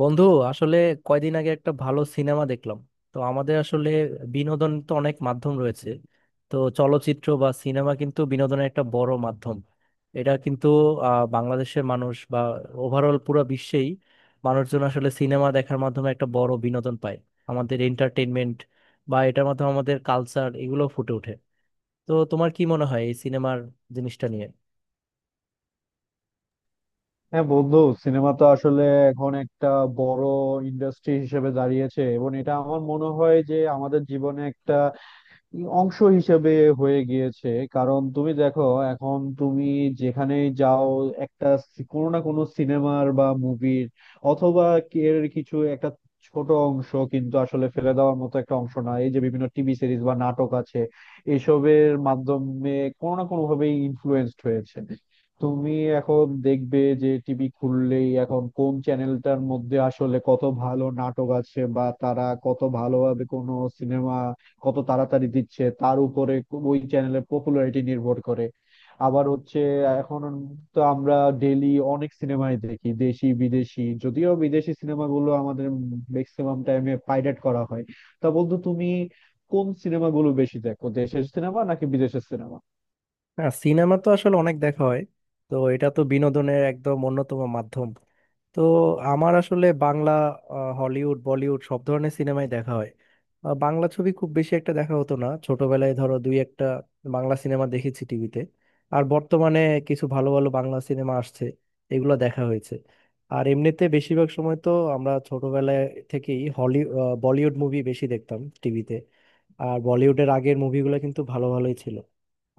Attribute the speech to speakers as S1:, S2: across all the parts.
S1: বন্ধু আসলে কয়দিন আগে একটা ভালো সিনেমা দেখলাম। তো আমাদের আসলে বিনোদন তো অনেক মাধ্যম রয়েছে। তো চলচ্চিত্র বা সিনেমা কিন্তু বিনোদনের একটা বড় মাধ্যম। এটা কিন্তু বাংলাদেশের মানুষ বা ওভারঅল পুরো বিশ্বেই মানুষজন আসলে সিনেমা দেখার মাধ্যমে একটা বড় বিনোদন পায়। আমাদের এন্টারটেনমেন্ট বা এটার মাধ্যমে আমাদের কালচার এগুলো ফুটে ওঠে। তো তোমার কি মনে হয় এই সিনেমার জিনিসটা নিয়ে?
S2: হ্যাঁ বন্ধু, সিনেমা তো আসলে এখন একটা বড় ইন্ডাস্ট্রি হিসেবে দাঁড়িয়েছে, এবং এটা আমার মনে হয় যে আমাদের জীবনে একটা অংশ হিসেবে হয়ে গিয়েছে। কারণ তুমি দেখো, এখন তুমি যেখানেই যাও, একটা কোনো না কোনো সিনেমার বা মুভির, অথবা এর কিছু একটা ছোট অংশ, কিন্তু আসলে ফেলে দেওয়ার মতো একটা অংশ না, এই যে বিভিন্ন টিভি সিরিজ বা নাটক আছে এসবের মাধ্যমে কোনো না কোনো ভাবে ইনফ্লুয়েন্সড হয়েছে। তুমি এখন দেখবে যে টিভি খুললেই এখন কোন চ্যানেলটার মধ্যে আসলে কত ভালো নাটক আছে, বা তারা কত ভালোভাবে কোনো সিনেমা কত তাড়াতাড়ি দিচ্ছে তার উপরে ওই চ্যানেলের পপুলারিটি নির্ভর করে। আবার হচ্ছে এখন তো আমরা ডেইলি অনেক সিনেমাই দেখি, দেশি বিদেশি, যদিও বিদেশি সিনেমাগুলো আমাদের ম্যাক্সিমাম টাইমে পাইরেট করা হয়। তা বন্ধু, তুমি কোন সিনেমাগুলো বেশি দেখো, দেশের সিনেমা নাকি বিদেশের সিনেমা?
S1: হ্যাঁ, সিনেমা তো আসলে অনেক দেখা হয়। তো এটা তো বিনোদনের একদম অন্যতম মাধ্যম। তো আমার আসলে বাংলা হলিউড বলিউড সব ধরনের সিনেমাই দেখা হয়। বাংলা ছবি খুব বেশি একটা দেখা হতো না, ছোটবেলায় ধরো দুই একটা বাংলা সিনেমা দেখেছি টিভিতে। আর বর্তমানে কিছু ভালো ভালো বাংলা সিনেমা আসছে, এগুলো দেখা হয়েছে। আর এমনিতে বেশিরভাগ সময় তো আমরা ছোটবেলায় থেকেই বলিউড মুভি বেশি দেখতাম টিভিতে। আর বলিউডের আগের মুভিগুলো কিন্তু ভালো ভালোই ছিল।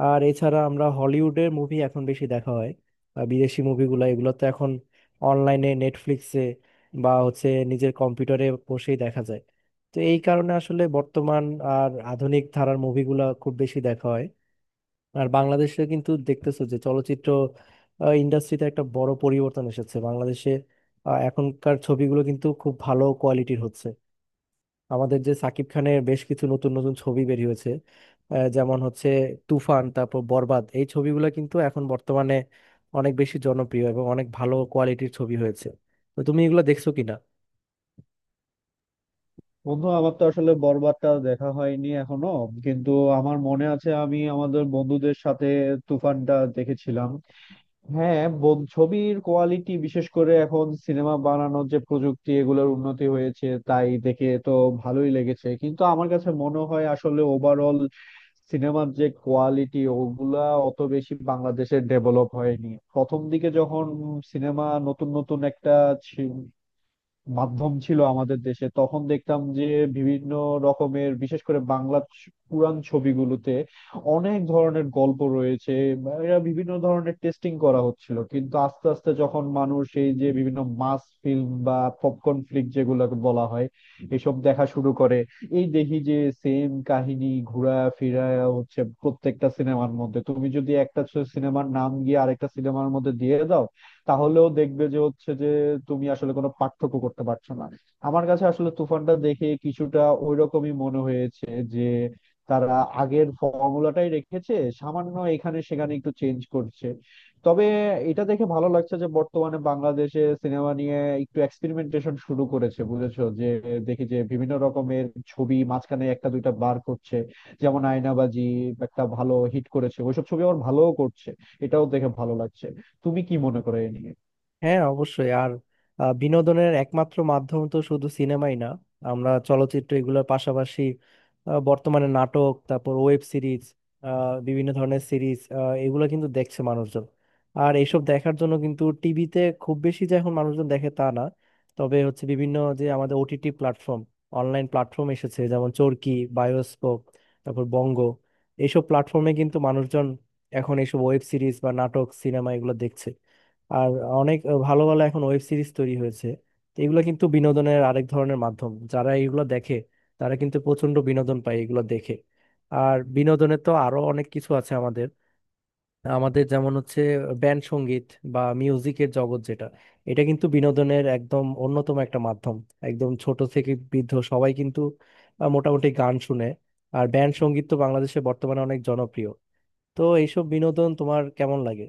S1: আর এছাড়া আমরা হলিউডের মুভি এখন বেশি দেখা হয়। বিদেশি মুভিগুলো এগুলো তো এখন অনলাইনে নেটফ্লিক্সে বা হচ্ছে নিজের কম্পিউটারে বসেই দেখা যায়। তো এই কারণে আসলে বর্তমান আর আধুনিক ধারার মুভিগুলো খুব বেশি দেখা হয়। আর বাংলাদেশে কিন্তু দেখতেছো যে চলচ্চিত্র ইন্ডাস্ট্রিতে একটা বড় পরিবর্তন এসেছে বাংলাদেশে। এখনকার ছবিগুলো কিন্তু খুব ভালো কোয়ালিটির হচ্ছে। আমাদের যে সাকিব খানের বেশ কিছু নতুন নতুন ছবি বেরিয়ে হয়েছে, যেমন হচ্ছে তুফান, তারপর বরবাদ, এই ছবিগুলো কিন্তু এখন বর্তমানে অনেক বেশি জনপ্রিয় এবং অনেক ভালো কোয়ালিটির ছবি হয়েছে। তো তুমি এগুলো দেখছো কিনা?
S2: বন্ধু আমার তো আসলে বরবাদটা দেখা হয়নি এখনো, কিন্তু আমার মনে আছে আমি আমাদের বন্ধুদের সাথে তুফানটা দেখেছিলাম। হ্যাঁ, ছবির কোয়ালিটি, বিশেষ করে এখন সিনেমা বানানোর যে প্রযুক্তি এগুলোর উন্নতি হয়েছে তাই দেখে তো ভালোই লেগেছে, কিন্তু আমার কাছে মনে হয় আসলে ওভারঅল সিনেমার যে কোয়ালিটি ওগুলা অত বেশি বাংলাদেশে ডেভেলপ হয়নি। প্রথম দিকে যখন সিনেমা নতুন নতুন একটা মাধ্যম ছিল আমাদের দেশে, তখন দেখতাম যে বিভিন্ন রকমের, বিশেষ করে বাংলা পুরাণ ছবিগুলোতে অনেক ধরনের গল্প রয়েছে, বা এরা বিভিন্ন ধরনের টেস্টিং করা হচ্ছিল। কিন্তু আস্তে আস্তে যখন মানুষ এই যে বিভিন্ন মাস ফিল্ম বা পপকর্ন ফ্লিক যেগুলোকে বলা হয়, এসব দেখা শুরু করে, এই দেখি যে সেম কাহিনী ঘুরা ফিরা হচ্ছে প্রত্যেকটা সিনেমার মধ্যে। তুমি যদি একটা সিনেমার নাম গিয়ে আরেকটা সিনেমার মধ্যে দিয়ে দাও, তাহলেও দেখবে যে হচ্ছে যে তুমি আসলে কোনো পার্থক্য করতে পারছো না। আমার কাছে আসলে তুফানটা দেখে কিছুটা ওইরকমই মনে হয়েছে, যে তারা আগের ফর্মুলাটাই রেখেছে, সামান্য এখানে সেখানে একটু চেঞ্জ করছে। তবে এটা দেখে ভালো লাগছে যে বর্তমানে বাংলাদেশে সিনেমা নিয়ে একটু এক্সপেরিমেন্টেশন শুরু করেছে, বুঝেছো? যে দেখি যে বিভিন্ন রকমের ছবি মাঝখানে একটা দুইটা বার করছে, যেমন আয়নাবাজি একটা ভালো হিট করেছে, ওইসব ছবি আবার ভালোও করছে। এটাও দেখে ভালো লাগছে। তুমি কি মনে করো এই নিয়ে?
S1: হ্যাঁ অবশ্যই। আর বিনোদনের একমাত্র মাধ্যম তো শুধু সিনেমাই না, আমরা চলচ্চিত্র এগুলোর পাশাপাশি বর্তমানে নাটক, তারপর ওয়েব সিরিজ, বিভিন্ন ধরনের সিরিজ এগুলো কিন্তু দেখছে মানুষজন। আর এইসব দেখার জন্য কিন্তু টিভিতে খুব বেশি যে এখন মানুষজন দেখে তা না, তবে হচ্ছে বিভিন্ন যে আমাদের ওটিটি প্ল্যাটফর্ম, অনলাইন প্ল্যাটফর্ম এসেছে, যেমন চরকি, বায়োস্কোপ, তারপর বঙ্গ। এইসব প্ল্যাটফর্মে কিন্তু মানুষজন এখন এইসব ওয়েব সিরিজ বা নাটক সিনেমা এগুলো দেখছে। আর অনেক ভালো ভালো এখন ওয়েব সিরিজ তৈরি হয়েছে। তো এগুলো কিন্তু বিনোদনের আরেক ধরনের মাধ্যম, যারা এগুলো দেখে তারা কিন্তু প্রচন্ড বিনোদন পায় এগুলো দেখে। আর বিনোদনের তো আরো অনেক কিছু আছে আমাদের। আমাদের যেমন হচ্ছে ব্যান্ড সঙ্গীত বা মিউজিকের জগৎ, যেটা এটা কিন্তু বিনোদনের একদম অন্যতম একটা মাধ্যম। একদম ছোট থেকে বৃদ্ধ সবাই কিন্তু মোটামুটি গান শুনে। আর ব্যান্ড সঙ্গীত তো বাংলাদেশে বর্তমানে অনেক জনপ্রিয়। তো এইসব বিনোদন তোমার কেমন লাগে?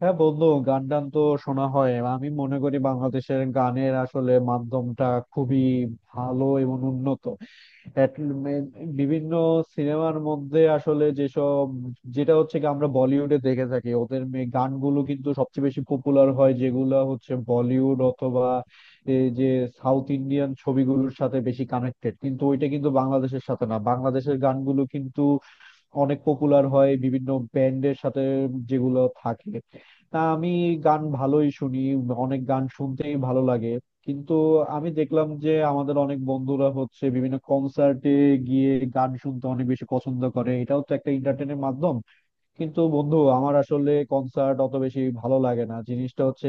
S2: হ্যাঁ বন্ধু, গান টান তো শোনা হয়। আমি মনে করি বাংলাদেশের গানের আসলে মাধ্যমটা খুবই ভালো এবং উন্নত। At least বিভিন্ন সিনেমার মধ্যে আসলে যেসব, যেটা হচ্ছে কি আমরা বলিউডে দেখে থাকি ওদের গানগুলো কিন্তু সবচেয়ে বেশি পপুলার হয় যেগুলো হচ্ছে বলিউড অথবা এই যে সাউথ ইন্ডিয়ান ছবিগুলোর সাথে বেশি কানেক্টেড। কিন্তু ওইটা কিন্তু বাংলাদেশের সাথে না, বাংলাদেশের গানগুলো কিন্তু অনেক পপুলার হয় বিভিন্ন ব্যান্ডের সাথে যেগুলো থাকে। তা আমি গান ভালোই শুনি, অনেক গান শুনতেই ভালো লাগে। কিন্তু আমি দেখলাম যে আমাদের অনেক বন্ধুরা হচ্ছে বিভিন্ন কনসার্টে গিয়ে গান শুনতে অনেক বেশি পছন্দ করে। এটাও তো একটা এন্টারটেনের মাধ্যম। কিন্তু বন্ধু, আমার আসলে কনসার্ট অত বেশি ভালো লাগে না। জিনিসটা হচ্ছে,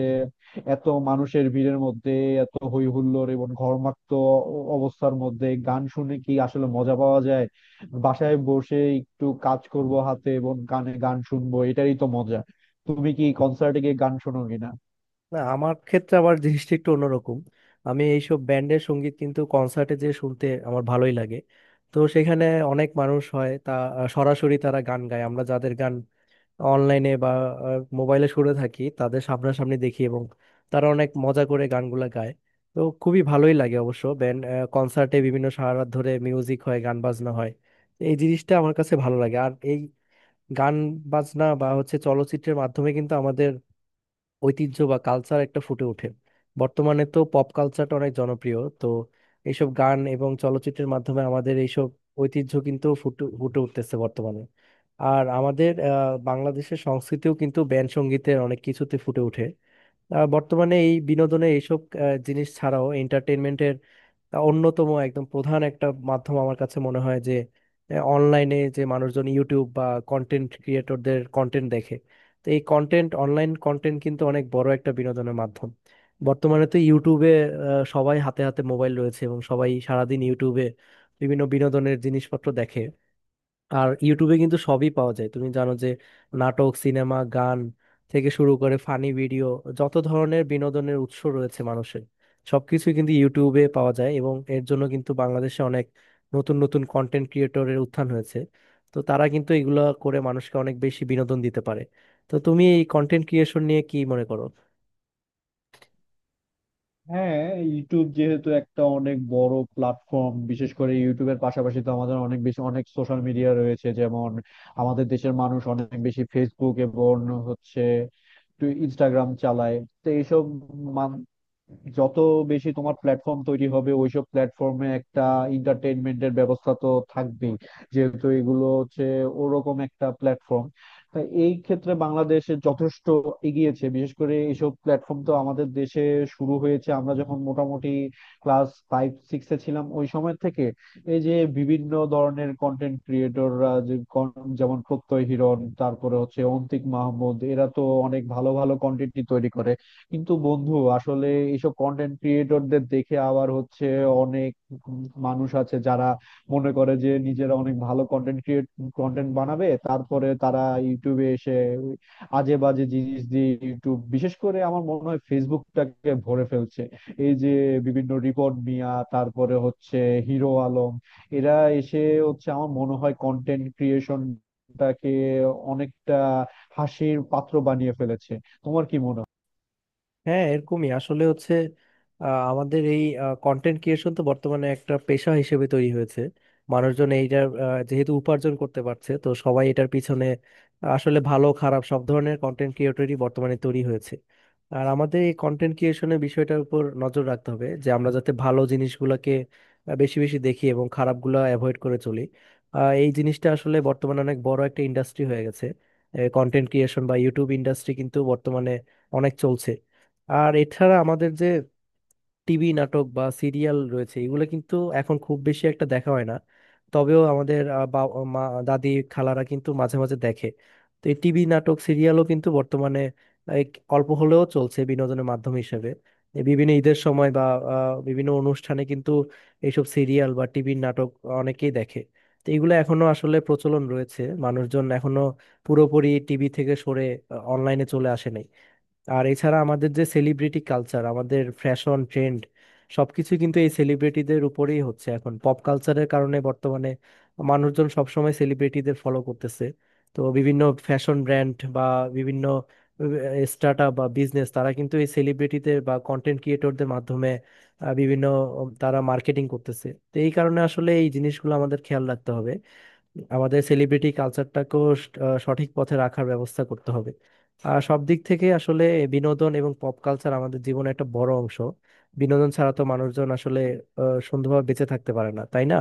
S2: এত মানুষের ভিড়ের মধ্যে, এত হই হুল্লোড় এবং ঘর্মাক্ত অবস্থার মধ্যে গান শুনে কি আসলে মজা পাওয়া যায়? বাসায় বসে একটু কাজ করব হাতে, এবং কানে গান শুনবো, এটাই তো মজা। তুমি কি কনসার্টে গিয়ে গান শোনো কিনা?
S1: না, আমার ক্ষেত্রে আবার জিনিসটা একটু অন্যরকম। আমি এইসব ব্যান্ডের সঙ্গীত কিন্তু কনসার্টে যে শুনতে আমার ভালোই লাগে। তো সেখানে অনেক মানুষ হয় তা, সরাসরি তারা গান গায়, আমরা যাদের গান অনলাইনে বা মোবাইলে শুনে থাকি তাদের সামনাসামনি দেখি এবং তারা অনেক মজা করে গানগুলা গায়। তো খুবই ভালোই লাগে অবশ্য। ব্যান্ড কনসার্টে বিভিন্ন সারা রাত ধরে মিউজিক হয়, গান বাজনা হয়, এই জিনিসটা আমার কাছে ভালো লাগে। আর এই গান বাজনা বা হচ্ছে চলচ্চিত্রের মাধ্যমে কিন্তু ঐতিহ্য বা কালচার একটা ফুটে ওঠে। বর্তমানে তো পপ কালচারটা অনেক জনপ্রিয়, তো এইসব গান এবং চলচ্চিত্রের মাধ্যমে আমাদের এইসব ঐতিহ্য কিন্তু ফুটে ফুটে উঠতেছে বর্তমানে। আর আমাদের বাংলাদেশের সংস্কৃতিও কিন্তু ব্যান্ড সঙ্গীতের অনেক কিছুতে ফুটে ওঠে। বর্তমানে এই বিনোদনে এইসব জিনিস ছাড়াও এন্টারটেনমেন্টের অন্যতম একদম প্রধান একটা মাধ্যম আমার কাছে মনে হয় যে অনলাইনে যে মানুষজন ইউটিউব বা কন্টেন্ট ক্রিয়েটরদের কন্টেন্ট দেখে। তো এই কন্টেন্ট, অনলাইন কন্টেন্ট কিন্তু অনেক বড় একটা বিনোদনের মাধ্যম। বর্তমানে তো ইউটিউবে সবাই হাতে হাতে মোবাইল রয়েছে এবং সবাই সারাদিন ইউটিউবে বিভিন্ন বিনোদনের জিনিসপত্র দেখে। আর ইউটিউবে কিন্তু সবই পাওয়া যায়, তুমি জানো যে নাটক সিনেমা গান থেকে শুরু করে ফানি ভিডিও, যত ধরনের বিনোদনের উৎস রয়েছে মানুষের, সবকিছুই কিন্তু ইউটিউবে পাওয়া যায়। এবং এর জন্য কিন্তু বাংলাদেশে অনেক নতুন নতুন কন্টেন্ট ক্রিয়েটরের উত্থান হয়েছে। তো তারা কিন্তু এগুলা করে মানুষকে অনেক বেশি বিনোদন দিতে পারে। তো তুমি এই কন্টেন্ট ক্রিয়েশন নিয়ে কি মনে করো?
S2: হ্যাঁ, ইউটিউব যেহেতু একটা অনেক বড় প্ল্যাটফর্ম, বিশেষ করে ইউটিউবের পাশাপাশি তো আমাদের অনেক বেশি অনেক সোশ্যাল মিডিয়া রয়েছে, যেমন আমাদের দেশের মানুষ অনেক বেশি ফেসবুক এবং হচ্ছে ইনস্টাগ্রাম চালায়। তো এইসব, যত বেশি তোমার প্ল্যাটফর্ম তৈরি হবে, ওইসব প্ল্যাটফর্মে একটা এন্টারটেইনমেন্টের ব্যবস্থা তো থাকবেই, যেহেতু এগুলো হচ্ছে ওরকম একটা প্ল্যাটফর্ম। তাই এই ক্ষেত্রে বাংলাদেশে যথেষ্ট এগিয়েছে। বিশেষ করে এইসব প্ল্যাটফর্ম তো আমাদের দেশে শুরু হয়েছে আমরা যখন মোটামুটি ক্লাস ফাইভ সিক্সে ছিলাম ওই সময় থেকে। এই যে বিভিন্ন ধরনের কন্টেন্ট ক্রিয়েটররা, যেমন প্রত্যয় হিরণ, তারপরে হচ্ছে অন্তিক মাহমুদ, এরা তো অনেক ভালো ভালো কন্টেন্টই তৈরি করে। কিন্তু বন্ধু আসলে এইসব কন্টেন্ট ক্রিয়েটরদের দেখে আবার হচ্ছে অনেক মানুষ আছে যারা মনে করে যে নিজেরা অনেক ভালো কন্টেন্ট বানাবে, তারপরে তারা ইউটিউবে এসে আজে বাজে জিনিস দিয়ে ইউটিউব, বিশেষ করে আমার মনে হয় ফেসবুকটাকে ভরে ফেলছে। এই যে বিভিন্ন রিপোর্ট মিয়া, তারপরে হচ্ছে হিরো আলম, এরা এসে হচ্ছে আমার মনে হয় কন্টেন্ট ক্রিয়েশনটাকে অনেকটা হাসির পাত্র বানিয়ে ফেলেছে। তোমার কি মনে হয়?
S1: হ্যাঁ, এরকমই আসলে হচ্ছে। আমাদের এই কন্টেন্ট ক্রিয়েশন তো বর্তমানে একটা পেশা হিসেবে তৈরি হয়েছে। মানুষজন এইটার যেহেতু উপার্জন করতে পারছে, তো সবাই এটার পিছনে আসলে ভালো খারাপ সব ধরনের কন্টেন্ট ক্রিয়েটরই বর্তমানে তৈরি হয়েছে। আর আমাদের এই কন্টেন্ট ক্রিয়েশনের বিষয়টার উপর নজর রাখতে হবে, যে আমরা যাতে ভালো জিনিসগুলোকে বেশি বেশি দেখি এবং খারাপগুলো অ্যাভয়েড করে চলি। এই জিনিসটা আসলে বর্তমানে অনেক বড় একটা ইন্ডাস্ট্রি হয়ে গেছে। কন্টেন্ট ক্রিয়েশন বা ইউটিউব ইন্ডাস্ট্রি কিন্তু বর্তমানে অনেক চলছে। আর এছাড়া আমাদের যে টিভি নাটক বা সিরিয়াল রয়েছে, এগুলো কিন্তু এখন খুব বেশি একটা দেখা হয় না। তবেও আমাদের মা দাদি খালারা কিন্তু মাঝে মাঝে দেখে। তো এই টিভি নাটক সিরিয়ালও কিন্তু বর্তমানে এই অল্প হলেও চলছে বিনোদনের মাধ্যম হিসেবে। এই বিভিন্ন ঈদের সময় বা বিভিন্ন অনুষ্ঠানে কিন্তু এইসব সিরিয়াল বা টিভির নাটক অনেকেই দেখে। তো এগুলো এখনো আসলে প্রচলন রয়েছে, মানুষজন এখনো পুরোপুরি টিভি থেকে সরে অনলাইনে চলে আসে নাই। আর এছাড়া আমাদের যে সেলিব্রিটি কালচার, আমাদের ফ্যাশন ট্রেন্ড সবকিছু কিন্তু এই সেলিব্রিটিদের উপরেই হচ্ছে এখন পপ কালচারের কারণে। বর্তমানে মানুষজন সবসময় সেলিব্রিটিদের ফলো করতেছে। তো বিভিন্ন ফ্যাশন ব্র্যান্ড বা বিভিন্ন স্টার্ট আপ বা বিজনেস, তারা কিন্তু এই সেলিব্রিটিদের বা কন্টেন্ট ক্রিয়েটরদের মাধ্যমে আহ, বিভিন্ন তারা মার্কেটিং করতেছে। তো এই কারণে আসলে এই জিনিসগুলো আমাদের খেয়াল রাখতে হবে, আমাদের সেলিব্রিটি কালচারটাকেও স- আহ সঠিক পথে রাখার ব্যবস্থা করতে হবে। আর সব দিক থেকে আসলে বিনোদন এবং পপ কালচার আমাদের জীবনে একটা বড় অংশ। বিনোদন ছাড়া তো মানুষজন আসলে সুন্দরভাবে বেঁচে থাকতে পারে না, তাই না?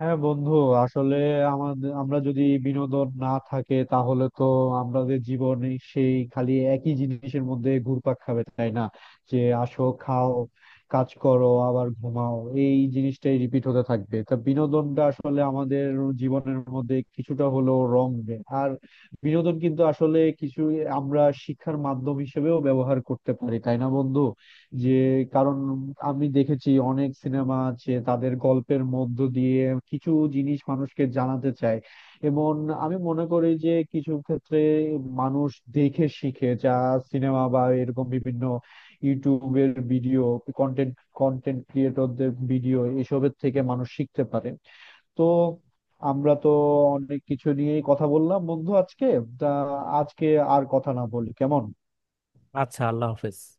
S2: হ্যাঁ বন্ধু, আসলে আমাদের, আমরা যদি বিনোদন না থাকে তাহলে তো আমাদের জীবন সেই খালি একই জিনিসের মধ্যে ঘুরপাক খাবে, তাই না? যে আসো, খাও, কাজ করো, আবার ঘুমাও, এই জিনিসটাই রিপিট হতে থাকবে। তা বিনোদনটা আসলে আমাদের জীবনের মধ্যে কিছুটা হলেও রং দেয়। আর বিনোদন কিন্তু আসলে কিছু, আমরা শিক্ষার মাধ্যম হিসেবেও ব্যবহার করতে পারি, তাই না বন্ধু? যে, কারণ আমি দেখেছি অনেক সিনেমা আছে তাদের গল্পের মধ্য দিয়ে কিছু জিনিস মানুষকে জানাতে চায়, এবং আমি মনে করি যে কিছু ক্ষেত্রে মানুষ দেখে শিখে, যা সিনেমা বা এরকম বিভিন্ন ইউটিউবের ভিডিও, কন্টেন্ট, কন্টেন্ট ক্রিয়েটরদের ভিডিও এসবের থেকে মানুষ শিখতে পারে। তো আমরা তো অনেক কিছু নিয়েই কথা বললাম বন্ধু আজকে। তা আজকে আর কথা না বলি, কেমন?
S1: আচ্ছা, আল্লাহ হাফেজ।